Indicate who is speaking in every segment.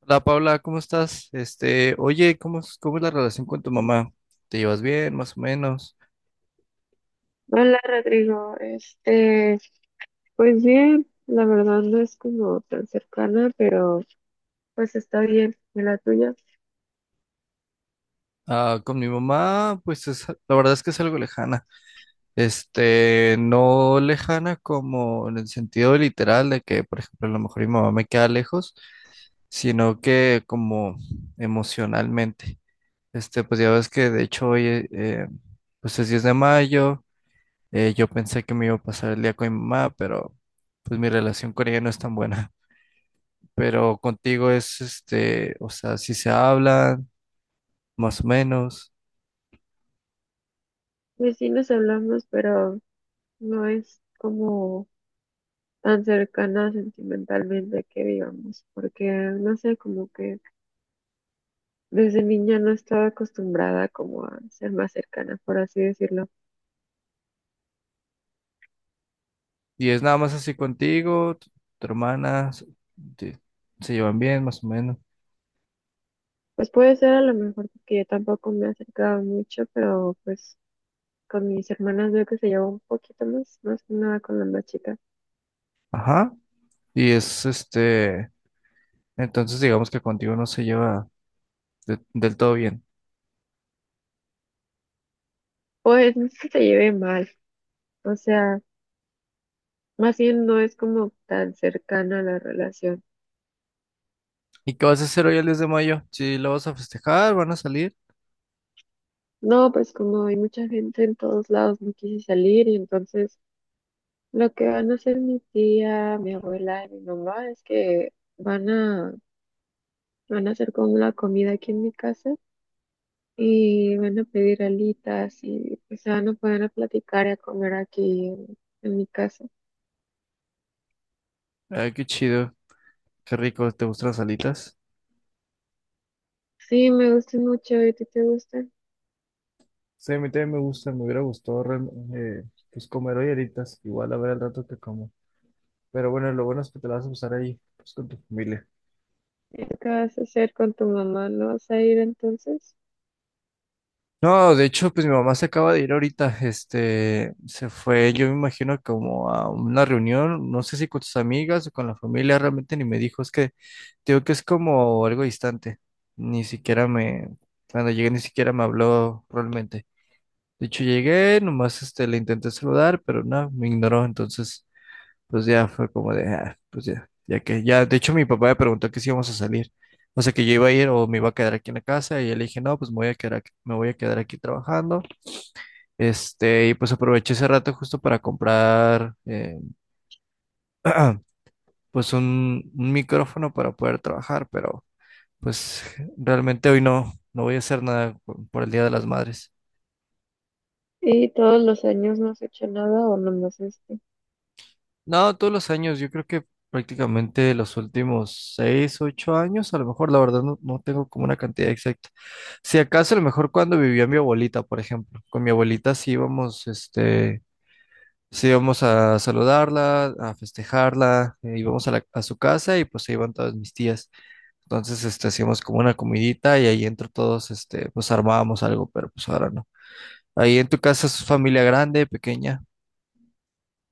Speaker 1: Hola Paula, ¿cómo estás? Oye, ¿cómo es la relación con tu mamá? ¿Te llevas bien, más o menos?
Speaker 2: Hola Rodrigo, este, pues bien, la verdad no es como tan cercana, pero pues está bien, ¿y la tuya?
Speaker 1: Ah, con mi mamá, pues la verdad es que es algo lejana. No lejana como en el sentido literal de que, por ejemplo, a lo mejor mi mamá me queda lejos, sino que como emocionalmente. Pues ya ves que de hecho hoy, pues es 10 de mayo. Yo pensé que me iba a pasar el día con mi mamá, pero pues mi relación con ella no es tan buena. Pero contigo es o sea, si se hablan, más o menos,
Speaker 2: Pues sí nos hablamos, pero no es como tan cercana sentimentalmente que digamos, porque no sé, como que desde niña no estaba acostumbrada como a ser más cercana, por así decirlo.
Speaker 1: y es nada más así contigo, tu hermana, te- se llevan bien, más o menos.
Speaker 2: Pues puede ser a lo mejor porque yo tampoco me he acercado mucho, pero pues con mis hermanas veo que se lleva un poquito más, más que nada con la más chica.
Speaker 1: Ajá, y entonces digamos que contigo no se lleva del todo bien.
Speaker 2: Pues no es que se lleve mal, o sea, más bien no es como tan cercana la relación.
Speaker 1: ¿Y qué vas a hacer hoy el 10 de mayo? ¿Si lo vas a festejar, van a salir?
Speaker 2: No, pues como hay mucha gente en todos lados, no quise salir y entonces lo que van a hacer mi tía, mi abuela y mi mamá es que van a, van a hacer como la comida aquí en mi casa y van a pedir alitas y o sea, no pueden a platicar y a comer aquí en mi casa.
Speaker 1: Ay, qué chido, qué rico, ¿te gustan las alitas?
Speaker 2: Sí, me gusta mucho, ¿y a ti te gusta?
Speaker 1: Sí, a mí también me gusta, me hubiera gustado eh, pues comer hoy alitas, igual a ver el rato que como. Pero bueno, lo bueno es que te la vas a pasar ahí, pues, con tu familia.
Speaker 2: ¿Y ¿qué vas a hacer con tu mamá? ¿No vas a ir entonces?
Speaker 1: No, de hecho, pues mi mamá se acaba de ir ahorita, se fue, yo me imagino como a una reunión, no sé si con sus amigas o con la familia, realmente ni me dijo, es que te digo que es como algo distante, ni siquiera me, cuando llegué ni siquiera me habló realmente. De hecho, llegué, nomás, le intenté saludar, pero no, me ignoró. Entonces, pues ya fue como de, ah, pues ya, ya que, ya, de hecho mi papá me preguntó que si íbamos a salir, o sea que yo iba a ir o me iba a quedar aquí en la casa, y yo le dije, no, pues me voy a quedar aquí, me voy a quedar aquí trabajando. Y pues aproveché ese rato justo para comprar, pues un micrófono para poder trabajar, pero pues realmente hoy no voy a hacer nada por el Día de las Madres.
Speaker 2: ¿Y todos los años no has hecho nada o nomás este?
Speaker 1: No, todos los años, yo creo que prácticamente los últimos 6, 8 años, a lo mejor, la verdad no tengo como una cantidad exacta. Si acaso, a lo mejor cuando vivía mi abuelita, por ejemplo, con mi abuelita sí íbamos a saludarla, a festejarla, íbamos a su casa y pues se iban todas mis tías. Entonces, hacíamos como una comidita y ahí entre todos, pues armábamos algo, pero pues ahora no. Ahí en tu casa es familia grande, pequeña,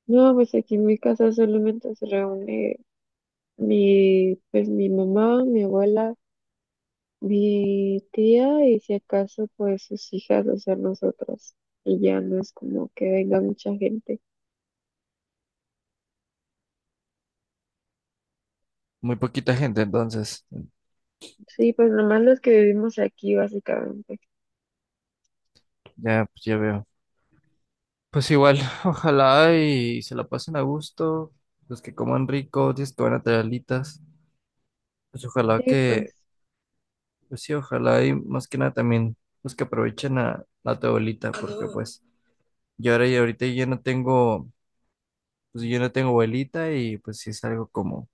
Speaker 2: No, pues aquí en mi casa solamente se reúne mi, pues mi mamá, mi abuela, mi tía y si acaso pues sus hijas, o sea, nosotras. Y ya no es como que venga mucha gente.
Speaker 1: muy poquita gente, entonces,
Speaker 2: Sí, pues nomás los que vivimos aquí básicamente.
Speaker 1: ya, pues ya veo. Pues igual, ojalá y se la pasen a gusto, los que coman rico, los que van a traer alitas, pues ojalá
Speaker 2: Sí, pues
Speaker 1: que, pues sí, ojalá y más que nada también los que aprovechen a tu abuelita, porque pues yo ahora y ahorita yo no tengo, pues yo no tengo abuelita y pues sí es algo como,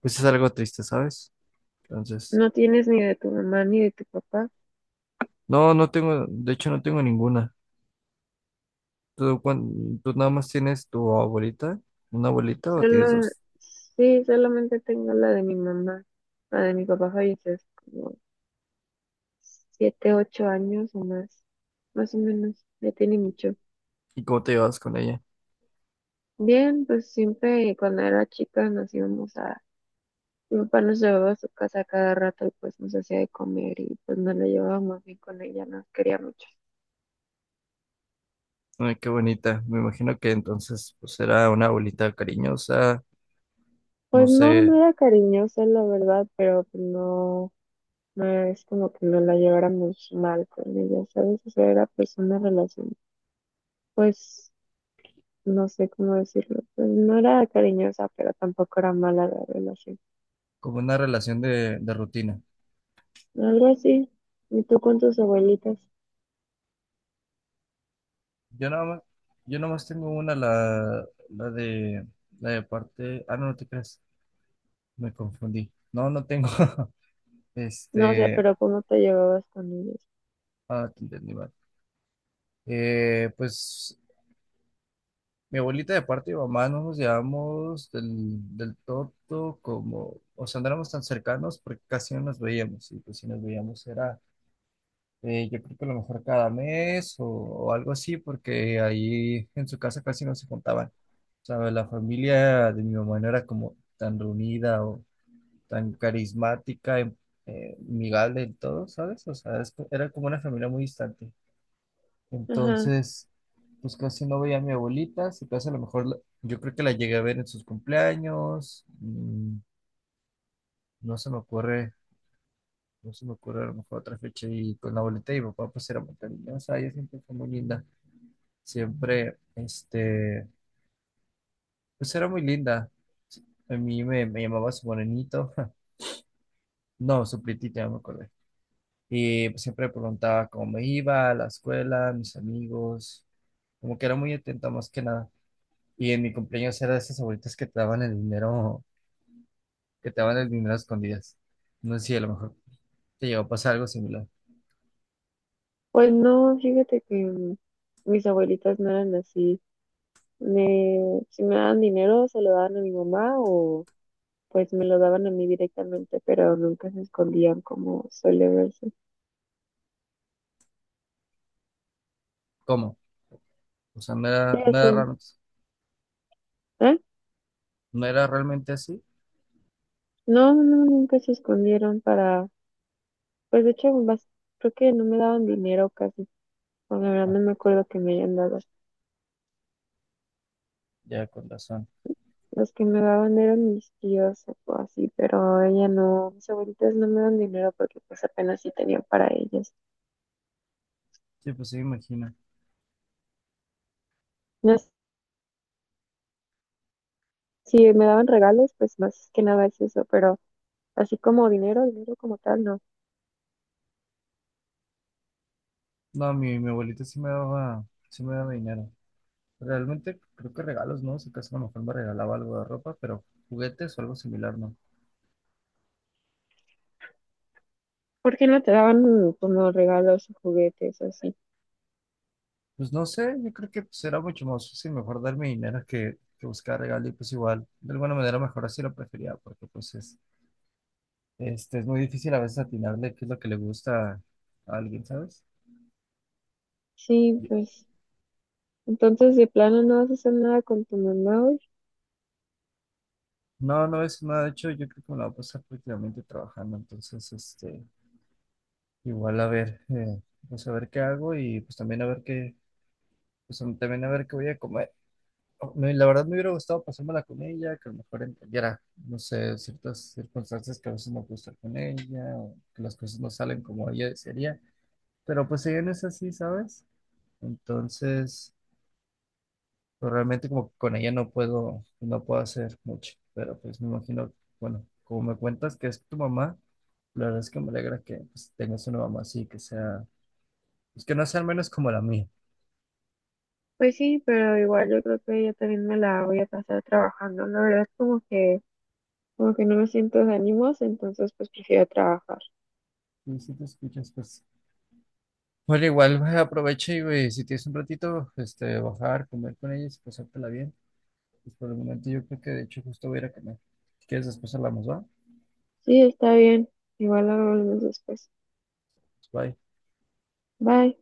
Speaker 1: pues es algo triste, ¿sabes? Entonces,
Speaker 2: no tienes ni de tu mamá ni de tu papá.
Speaker 1: no, no tengo, de hecho no tengo ninguna. ¿Tú nada más tienes tu abuelita, una abuelita o tienes
Speaker 2: Solo,
Speaker 1: dos?
Speaker 2: sí, solamente tengo la de mi mamá. La de mi papá falleció hace como 7, 8 años o más, más o menos, ya tiene mucho.
Speaker 1: ¿Y cómo te llevas con ella?
Speaker 2: Bien, pues siempre cuando era chica nos íbamos a, mi papá nos llevaba a su casa cada rato y pues nos hacía de comer y pues nos la llevábamos bien con ella, nos quería mucho.
Speaker 1: Ay, qué bonita. Me imagino que entonces pues era una abuelita cariñosa, no
Speaker 2: Pues no,
Speaker 1: sé,
Speaker 2: no era cariñosa la verdad, pero pues, no, no es como que nos la lleváramos mal con ella, ¿sabes? O sea, era pues una relación, pues no sé cómo decirlo, pues no era cariñosa, pero tampoco era mala la relación.
Speaker 1: como una relación de rutina.
Speaker 2: Algo así. ¿Y tú con tus abuelitas?
Speaker 1: Yo nada más, yo nada más tengo la de la de parte. Ah, no, no te creas. Me confundí. No, no tengo.
Speaker 2: No, o sea,
Speaker 1: Este.
Speaker 2: pero ¿cómo te llevabas con ellas?
Speaker 1: Ah, te entendí mal. Pues mi abuelita de parte de mamá no nos llevamos del todo como, o sea, no éramos tan cercanos porque casi no nos veíamos. Y pues si nos veíamos era, yo creo que a lo mejor cada mes o algo así, porque ahí en su casa casi no se juntaban. O sea, la familia de mi mamá no era como tan reunida o tan carismática, amigable del todo, ¿sabes? O sea, era como una familia muy distante.
Speaker 2: Ajá.
Speaker 1: Entonces, pues casi no veía a mi abuelita, si acaso a lo mejor yo creo que la llegué a ver en sus cumpleaños, no se me ocurre, no se me ocurre a lo mejor otra fecha. Y con la abuelita y mi papá pues era muy cariñosa, ella siempre fue muy linda. Siempre, pues era muy linda. A mí me llamaba su bonenito. No, su prietita, ya me acordé. Y pues, siempre preguntaba cómo me iba, a la escuela, mis amigos. Como que era muy atenta más que nada. Y en mi cumpleaños era de esas abuelitas que te daban el dinero, que te daban el dinero a escondidas. No sé si a lo mejor te llegó a pasar algo similar.
Speaker 2: Pues no, fíjate que mm, mis abuelitas no eran así. Me, si me daban dinero, se lo daban a mi mamá o pues me lo daban a mí directamente, pero nunca se escondían como suele verse.
Speaker 1: ¿Cómo? O sea,
Speaker 2: Sí, o sea, ¿eh?
Speaker 1: no era realmente así.
Speaker 2: No, no, no, nunca se escondieron para, pues de hecho, creo que no me daban dinero casi. Bueno, la verdad
Speaker 1: Ah,
Speaker 2: no me acuerdo que me hayan dado.
Speaker 1: ya con razón.
Speaker 2: Los que me daban eran mis tíos o así, pero ella no, mis abuelitas no me dan dinero porque pues apenas sí tenían para ellas.
Speaker 1: Sí, pues sí, me imagino.
Speaker 2: No, si me daban regalos, pues más que nada es eso, pero así como dinero, dinero como tal, no.
Speaker 1: No, mi abuelita sí me daba dinero. Realmente creo que regalos, ¿no? Si acaso a lo mejor me regalaba algo de ropa, pero juguetes o algo similar, ¿no?
Speaker 2: ¿Por qué no te daban como regalos o juguetes o así?
Speaker 1: Pues no sé, yo creo que pues, era mucho más fácil mejor darme dinero que buscar regalo y pues igual, de alguna manera mejor así lo prefería, porque pues es muy difícil a veces atinarle qué es lo que le gusta a alguien, ¿sabes?
Speaker 2: Sí,
Speaker 1: Yo-
Speaker 2: pues entonces de plano no vas a hacer nada con tu mamá hoy.
Speaker 1: No, no es nada, de hecho yo creo que me la voy a pasar prácticamente trabajando. Entonces, igual a ver, pues a ver qué hago y pues también a ver también a ver qué voy a comer. Oh, la verdad me hubiera gustado pasármela con ella, que a lo mejor entendiera, no sé, ciertas circunstancias que a veces no puedo estar con ella, o que las cosas no salen como ella desearía. Pero pues ella no es así, ¿sabes? Entonces, pues realmente como que con ella no puedo hacer mucho. Pero pues me imagino, bueno, como me cuentas que es tu mamá, la verdad es que me alegra que pues, tengas una mamá así, que sea, pues que no sea al menos como la mía.
Speaker 2: Pues sí, pero igual yo creo que yo también me la voy a pasar trabajando. La verdad como que no me siento de ánimos, entonces pues prefiero trabajar.
Speaker 1: Y si te escuchas, pues. Bueno, igual aprovecha y güey, si tienes un ratito, bajar, comer con ellos y pasártela bien. Pues por el momento yo creo que de hecho justo voy a ir a comer. Si quieres después hablamos, ¿va?
Speaker 2: Sí, está bien. Igual hablamos después.
Speaker 1: Bye.
Speaker 2: Bye.